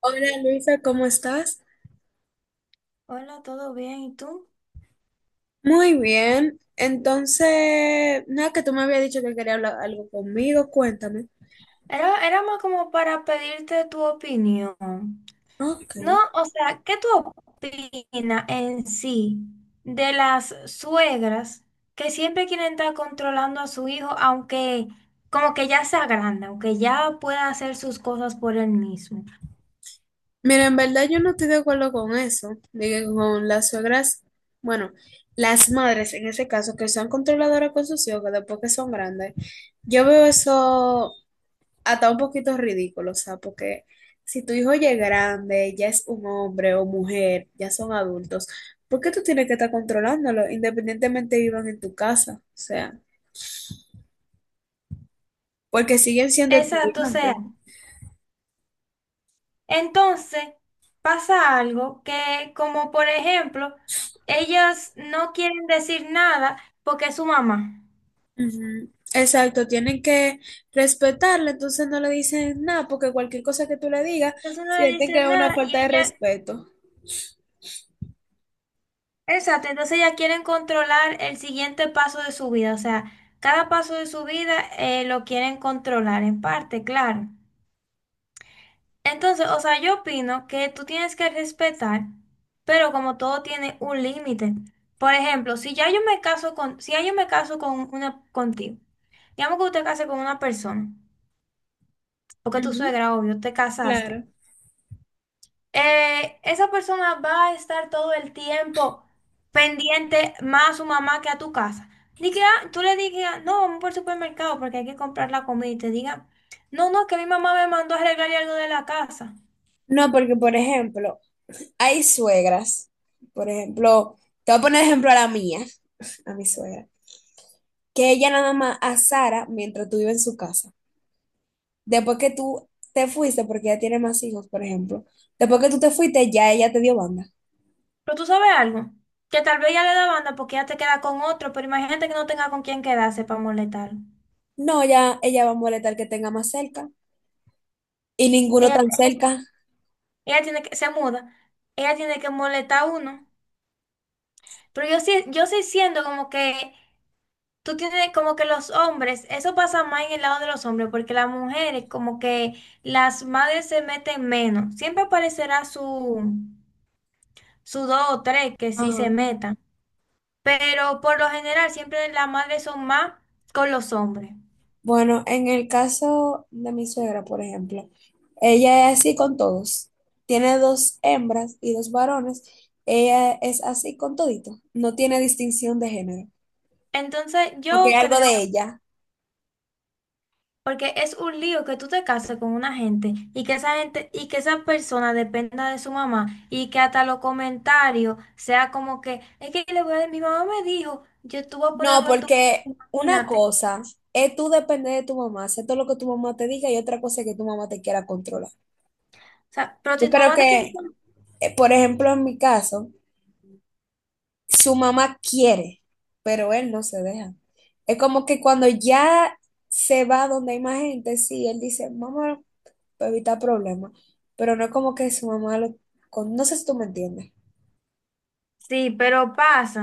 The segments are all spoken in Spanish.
Hola Luisa, ¿cómo estás? Hola, ¿todo bien? ¿Y tú? Muy bien. Entonces, nada, que tú me habías dicho que quería hablar algo conmigo, cuéntame. Era más como para pedirte tu opinión. Ok. No, o sea, ¿qué tú opinas en sí de las suegras que siempre quieren estar controlando a su hijo, aunque como que ya sea grande, aunque ya pueda hacer sus cosas por él mismo? Mira, en verdad yo no estoy de acuerdo con eso, de que con las suegras, bueno, las madres en ese caso, que son controladoras con sus hijos, que después que son grandes. Yo veo eso hasta un poquito ridículo, o sea, porque si tu hijo ya es grande, ya es un hombre o mujer, ya son adultos, ¿por qué tú tienes que estar controlándolo independientemente vivan en tu casa? O sea, porque siguen siendo Exacto, o sea, estudiantes. entonces pasa algo que como por ejemplo, ellas no quieren decir nada porque es su mamá. Ujú. Exacto, tienen que respetarla, entonces no le dicen nada, porque cualquier cosa que tú le digas, Entonces no le sienten que es dicen una nada falta y de ella, respeto. exacto, entonces ella quieren controlar el siguiente paso de su vida, o sea, cada paso de su vida lo quieren controlar en parte, claro. Entonces, o sea, yo opino que tú tienes que respetar, pero como todo tiene un límite. Por ejemplo, si ya yo me caso con, si ya yo me caso con una contigo, digamos que usted case con una persona, porque tu Ujú. suegra, obvio, te casaste. Claro. Esa persona va a estar todo el tiempo pendiente más a su mamá que a tu casa. Di que, ah, tú le digas, no, vamos por el supermercado porque hay que comprar la comida y te diga, no, no, que mi mamá me mandó a arreglar algo de la casa. No, porque por ejemplo, hay suegras, por ejemplo, te voy a poner ejemplo a la mía, a mi suegra. Que ella nada más a Sara mientras tú vives en su casa. Después que tú te fuiste, porque ella tiene más hijos, por ejemplo, después que tú te fuiste, ya ella te dio banda. Pero tú sabes algo, que tal vez ya le da banda porque ya te queda con otro, pero imagínate que no tenga con quién quedarse para molestarlo. No, ya ella va a molestar que tenga más cerca y ninguno Ella, tan ella, cerca. ella tiene que, se muda, ella tiene que molestar a uno. Pero yo sí siento como que tú tienes como que los hombres, eso pasa más en el lado de los hombres, porque las mujeres, como que las madres se meten menos. Siempre aparecerá su, su dos o tres que sí se Ajá. metan, pero por lo general siempre las madres son más con los hombres. Bueno, en el caso de mi suegra, por ejemplo, ella es así con todos. Tiene dos hembras y dos varones. Ella es así con todito. No tiene distinción de género, Entonces porque es yo algo creo de ella. porque es un lío que tú te cases con una gente y que esa gente y que esa persona dependa de su mamá y que hasta los comentarios sea como que es que le voy a, mi mamá me dijo, yo te voy a poner No, algo en tu porque una imagínate. O cosa es tú depender de tu mamá, hacer todo lo que tu mamá te diga y otra cosa es que tu mamá te quiera controlar. sea, pero Yo si tu creo mamá te quiere que, por ejemplo, en mi caso, su mamá quiere, pero él no se deja. Es como que cuando ya se va donde hay más gente, sí, él dice, mamá, para evitar problemas, pero no es como que su mamá lo... No sé si tú me entiendes. sí, pero pasa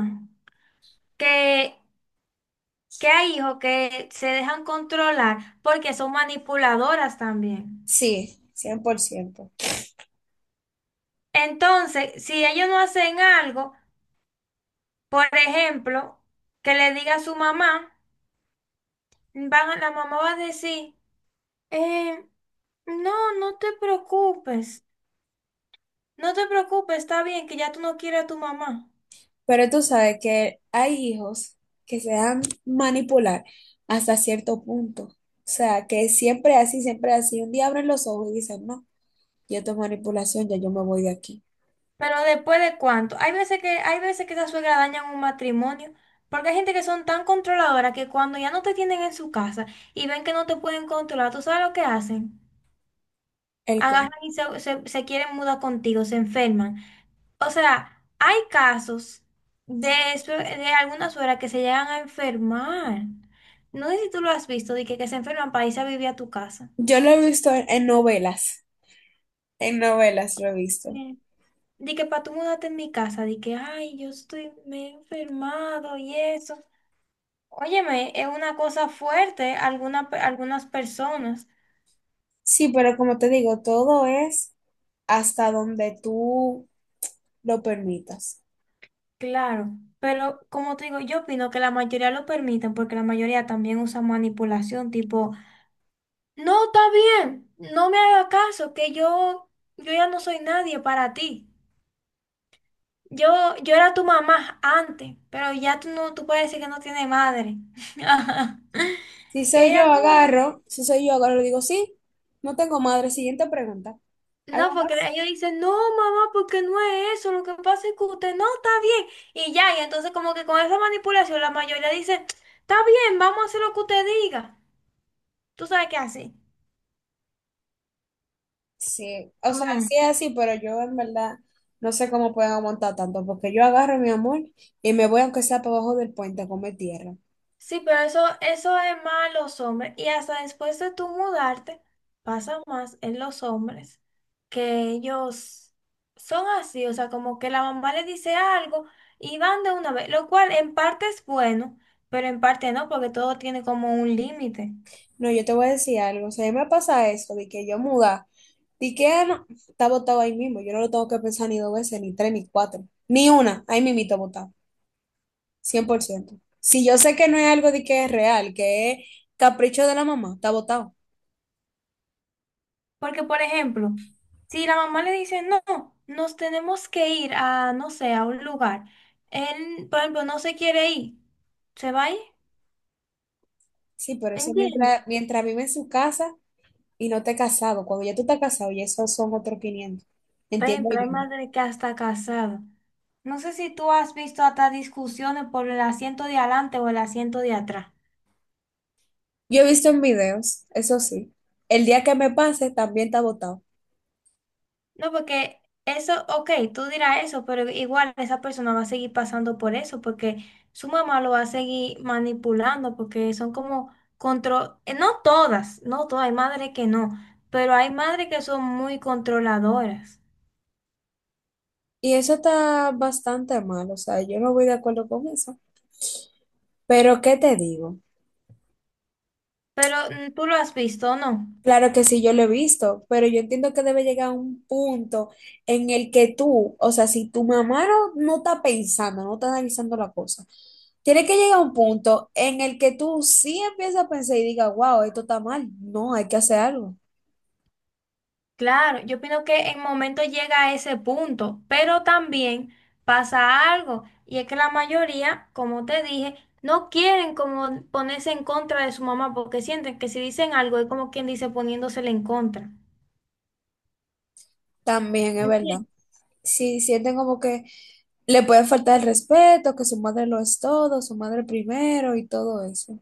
que, que hay hijos que se dejan controlar porque son manipuladoras también. Sí, 100%. Entonces, si ellos no hacen algo, por ejemplo, que le diga a su mamá van, la mamá va a decir, eh, no, no te preocupes, está bien que ya tú no quieres a tu mamá. Pero tú sabes que hay hijos que se dan manipular hasta cierto punto. O sea, que siempre así, siempre así. Un día abren los ojos y dicen, no, yo tengo manipulación, ya yo me voy de aquí. Pero después de cuánto, hay veces que esas suegras dañan un matrimonio, porque hay gente que son tan controladoras que cuando ya no te tienen en su casa y ven que no te pueden controlar, ¿tú sabes lo que hacen? El que Agarran y se quieren mudar contigo, se enferman. O sea, hay casos de, de algunas suegras que se llegan a enfermar. No sé si tú lo has visto, de que se enferman para irse a vivir a tu casa. yo lo he visto en, novelas, en novelas lo he visto. Sí. De que para tú mudarte en mi casa, de que, ay, yo estoy, me he enfermado y eso. Óyeme, es una cosa fuerte alguna algunas personas, Sí, pero como te digo, todo es hasta donde tú lo permitas. claro. Pero como te digo, yo opino que la mayoría lo permiten porque la mayoría también usa manipulación, tipo, no, está bien. No me hagas caso, que yo ya no soy nadie para ti. Yo, yo era tu mamá antes, pero ya tú no, tú puedes decir que no tiene madre. Si ¿Y soy hay yo, algo? agarro, si soy yo, agarro, digo, sí, no tengo madre. Siguiente pregunta. No, ¿Algo porque más? ellos dicen, no, mamá, porque no es eso. Lo que pasa es que usted no está bien. Y ya, y entonces como que con esa manipulación la mayoría dice, está bien, vamos a hacer lo que usted diga. Tú sabes qué hace. Sí, o sea, sí es así, pero yo en verdad no sé cómo pueden aguantar tanto, porque yo agarro mi amor y me voy aunque sea para abajo del puente a comer tierra. Sí, pero eso es más los hombres. Y hasta después de tú mudarte, pasa más en los hombres que ellos son así, o sea, como que la mamá les dice algo y van de una vez, lo cual en parte es bueno, pero en parte no, porque todo tiene como un límite. No, yo te voy a decir algo, o sea, a mí me pasa eso, de que yo muda, de que no, está botado ahí mismo, yo no lo tengo que pensar ni dos veces, ni tres, ni cuatro, ni una, ahí mismito botado, 100%. Si yo sé que no es algo de que es real, que es capricho de la mamá, está botado. Porque, por ejemplo, si la mamá le dice, no, nos tenemos que ir a, no sé, a un lugar, él, por ejemplo, no se quiere ir, se va a ir, Sí, pero eso mientras, ¿entiendes? mientras vive en su casa. Y no te has casado. Cuando ya tú estás casado, y esos son otros quinientos. Ven, Entiendo pero hay bien. madre que hasta casada. No sé si tú has visto hasta discusiones por el asiento de adelante o el asiento de atrás. Yo he visto en videos, eso sí, el día que me pase también está votado. No, porque eso, ok, tú dirás eso, pero igual esa persona va a seguir pasando por eso, porque su mamá lo va a seguir manipulando, porque son como control, no todas, no todas, hay madres que no, pero hay madres que son muy controladoras. Y eso está bastante mal, o sea, yo no voy de acuerdo con eso. Pero, ¿qué te digo? Pero tú lo has visto, ¿no? Claro que sí, yo lo he visto, pero yo entiendo que debe llegar a un punto en el que tú, o sea, si tu mamá no está pensando, no está analizando la cosa, tiene que llegar a un punto en el que tú sí empiezas a pensar y digas, wow, esto está mal, no, hay que hacer algo. Claro, yo opino que en momento llega a ese punto, pero también pasa algo, y es que la mayoría, como te dije, no quieren como ponerse en contra de su mamá porque sienten que si dicen algo es como quien dice poniéndosele en contra. También es verdad. ¿Entiendes? Si sienten como que le puede faltar el respeto, que su madre lo es todo, su madre primero y todo eso.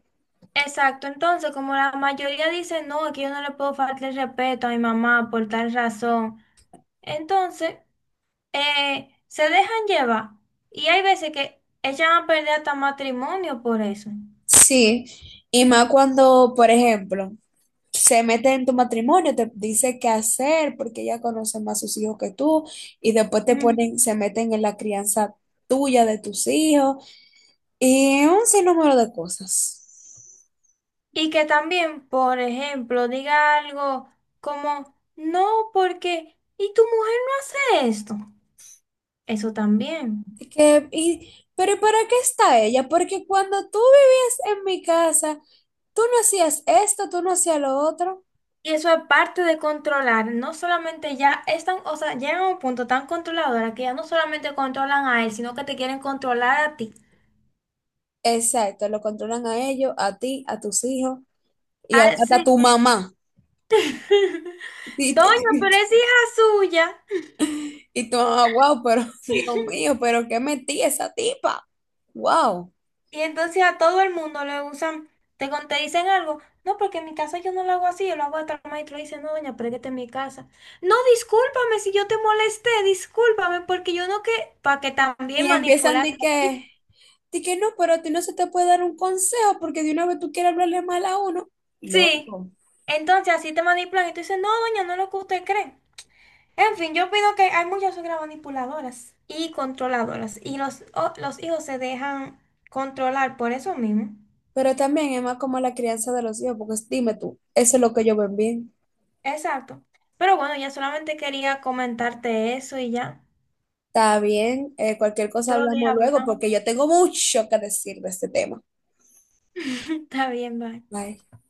Exacto, entonces como la mayoría dice, no, es que yo no le puedo faltar el respeto a mi mamá por tal razón, entonces se dejan llevar, y hay veces que echan a perder hasta matrimonio por eso. Sí, y más cuando, por ejemplo, se mete en tu matrimonio, te dice qué hacer porque ella conoce más sus hijos que tú y después te Ujú. ponen, se meten en la crianza tuya de tus hijos y un sinnúmero de cosas. Y que también, por ejemplo, diga algo como, no, porque, ¿y tu mujer no hace esto? Eso también. Que, y, pero ¿para qué está ella? Porque cuando tú vivías en mi casa, tú no hacías esto, tú no hacías lo otro. Y eso es parte de controlar, no solamente ya están, o sea, llegan a un punto tan controladora que ya no solamente controlan a él, sino que te quieren controlar a ti. Exacto, lo controlan a ellos, a ti, a tus hijos Ah, hasta a sí. tu mamá. Y, Doña, pero te- es hija suya. y tu mamá, wow, pero Dios mío, pero qué metí esa tipa. Wow. Y entonces a todo el mundo le usan, te, te dicen algo, no, porque en mi casa yo no lo hago así, yo lo hago hasta el maestro dice, no, doña, pero es que esta es mi casa. No, discúlpame si yo te molesté, discúlpame, porque yo no que, para que también Y empiezan manipular. De que no, pero a ti no se te puede dar un consejo porque de una vez tú quieres hablarle mal a uno. Sí, Loco. entonces así te manipulan y tú dices, no, doña, no es lo que usted cree. En fin, yo opino que hay muchas suegras manipuladoras y controladoras, y los, los hijos se dejan controlar por eso mismo. Pero también es más como la crianza de los hijos, dime tú, eso es lo que yo ven bien. Exacto. Pero bueno, ya solamente quería comentarte eso y ya. Está bien, cualquier cosa Otro día hablamos luego, hablamos. porque yo tengo mucho que decir de este tema. Está bien, bye. Bye.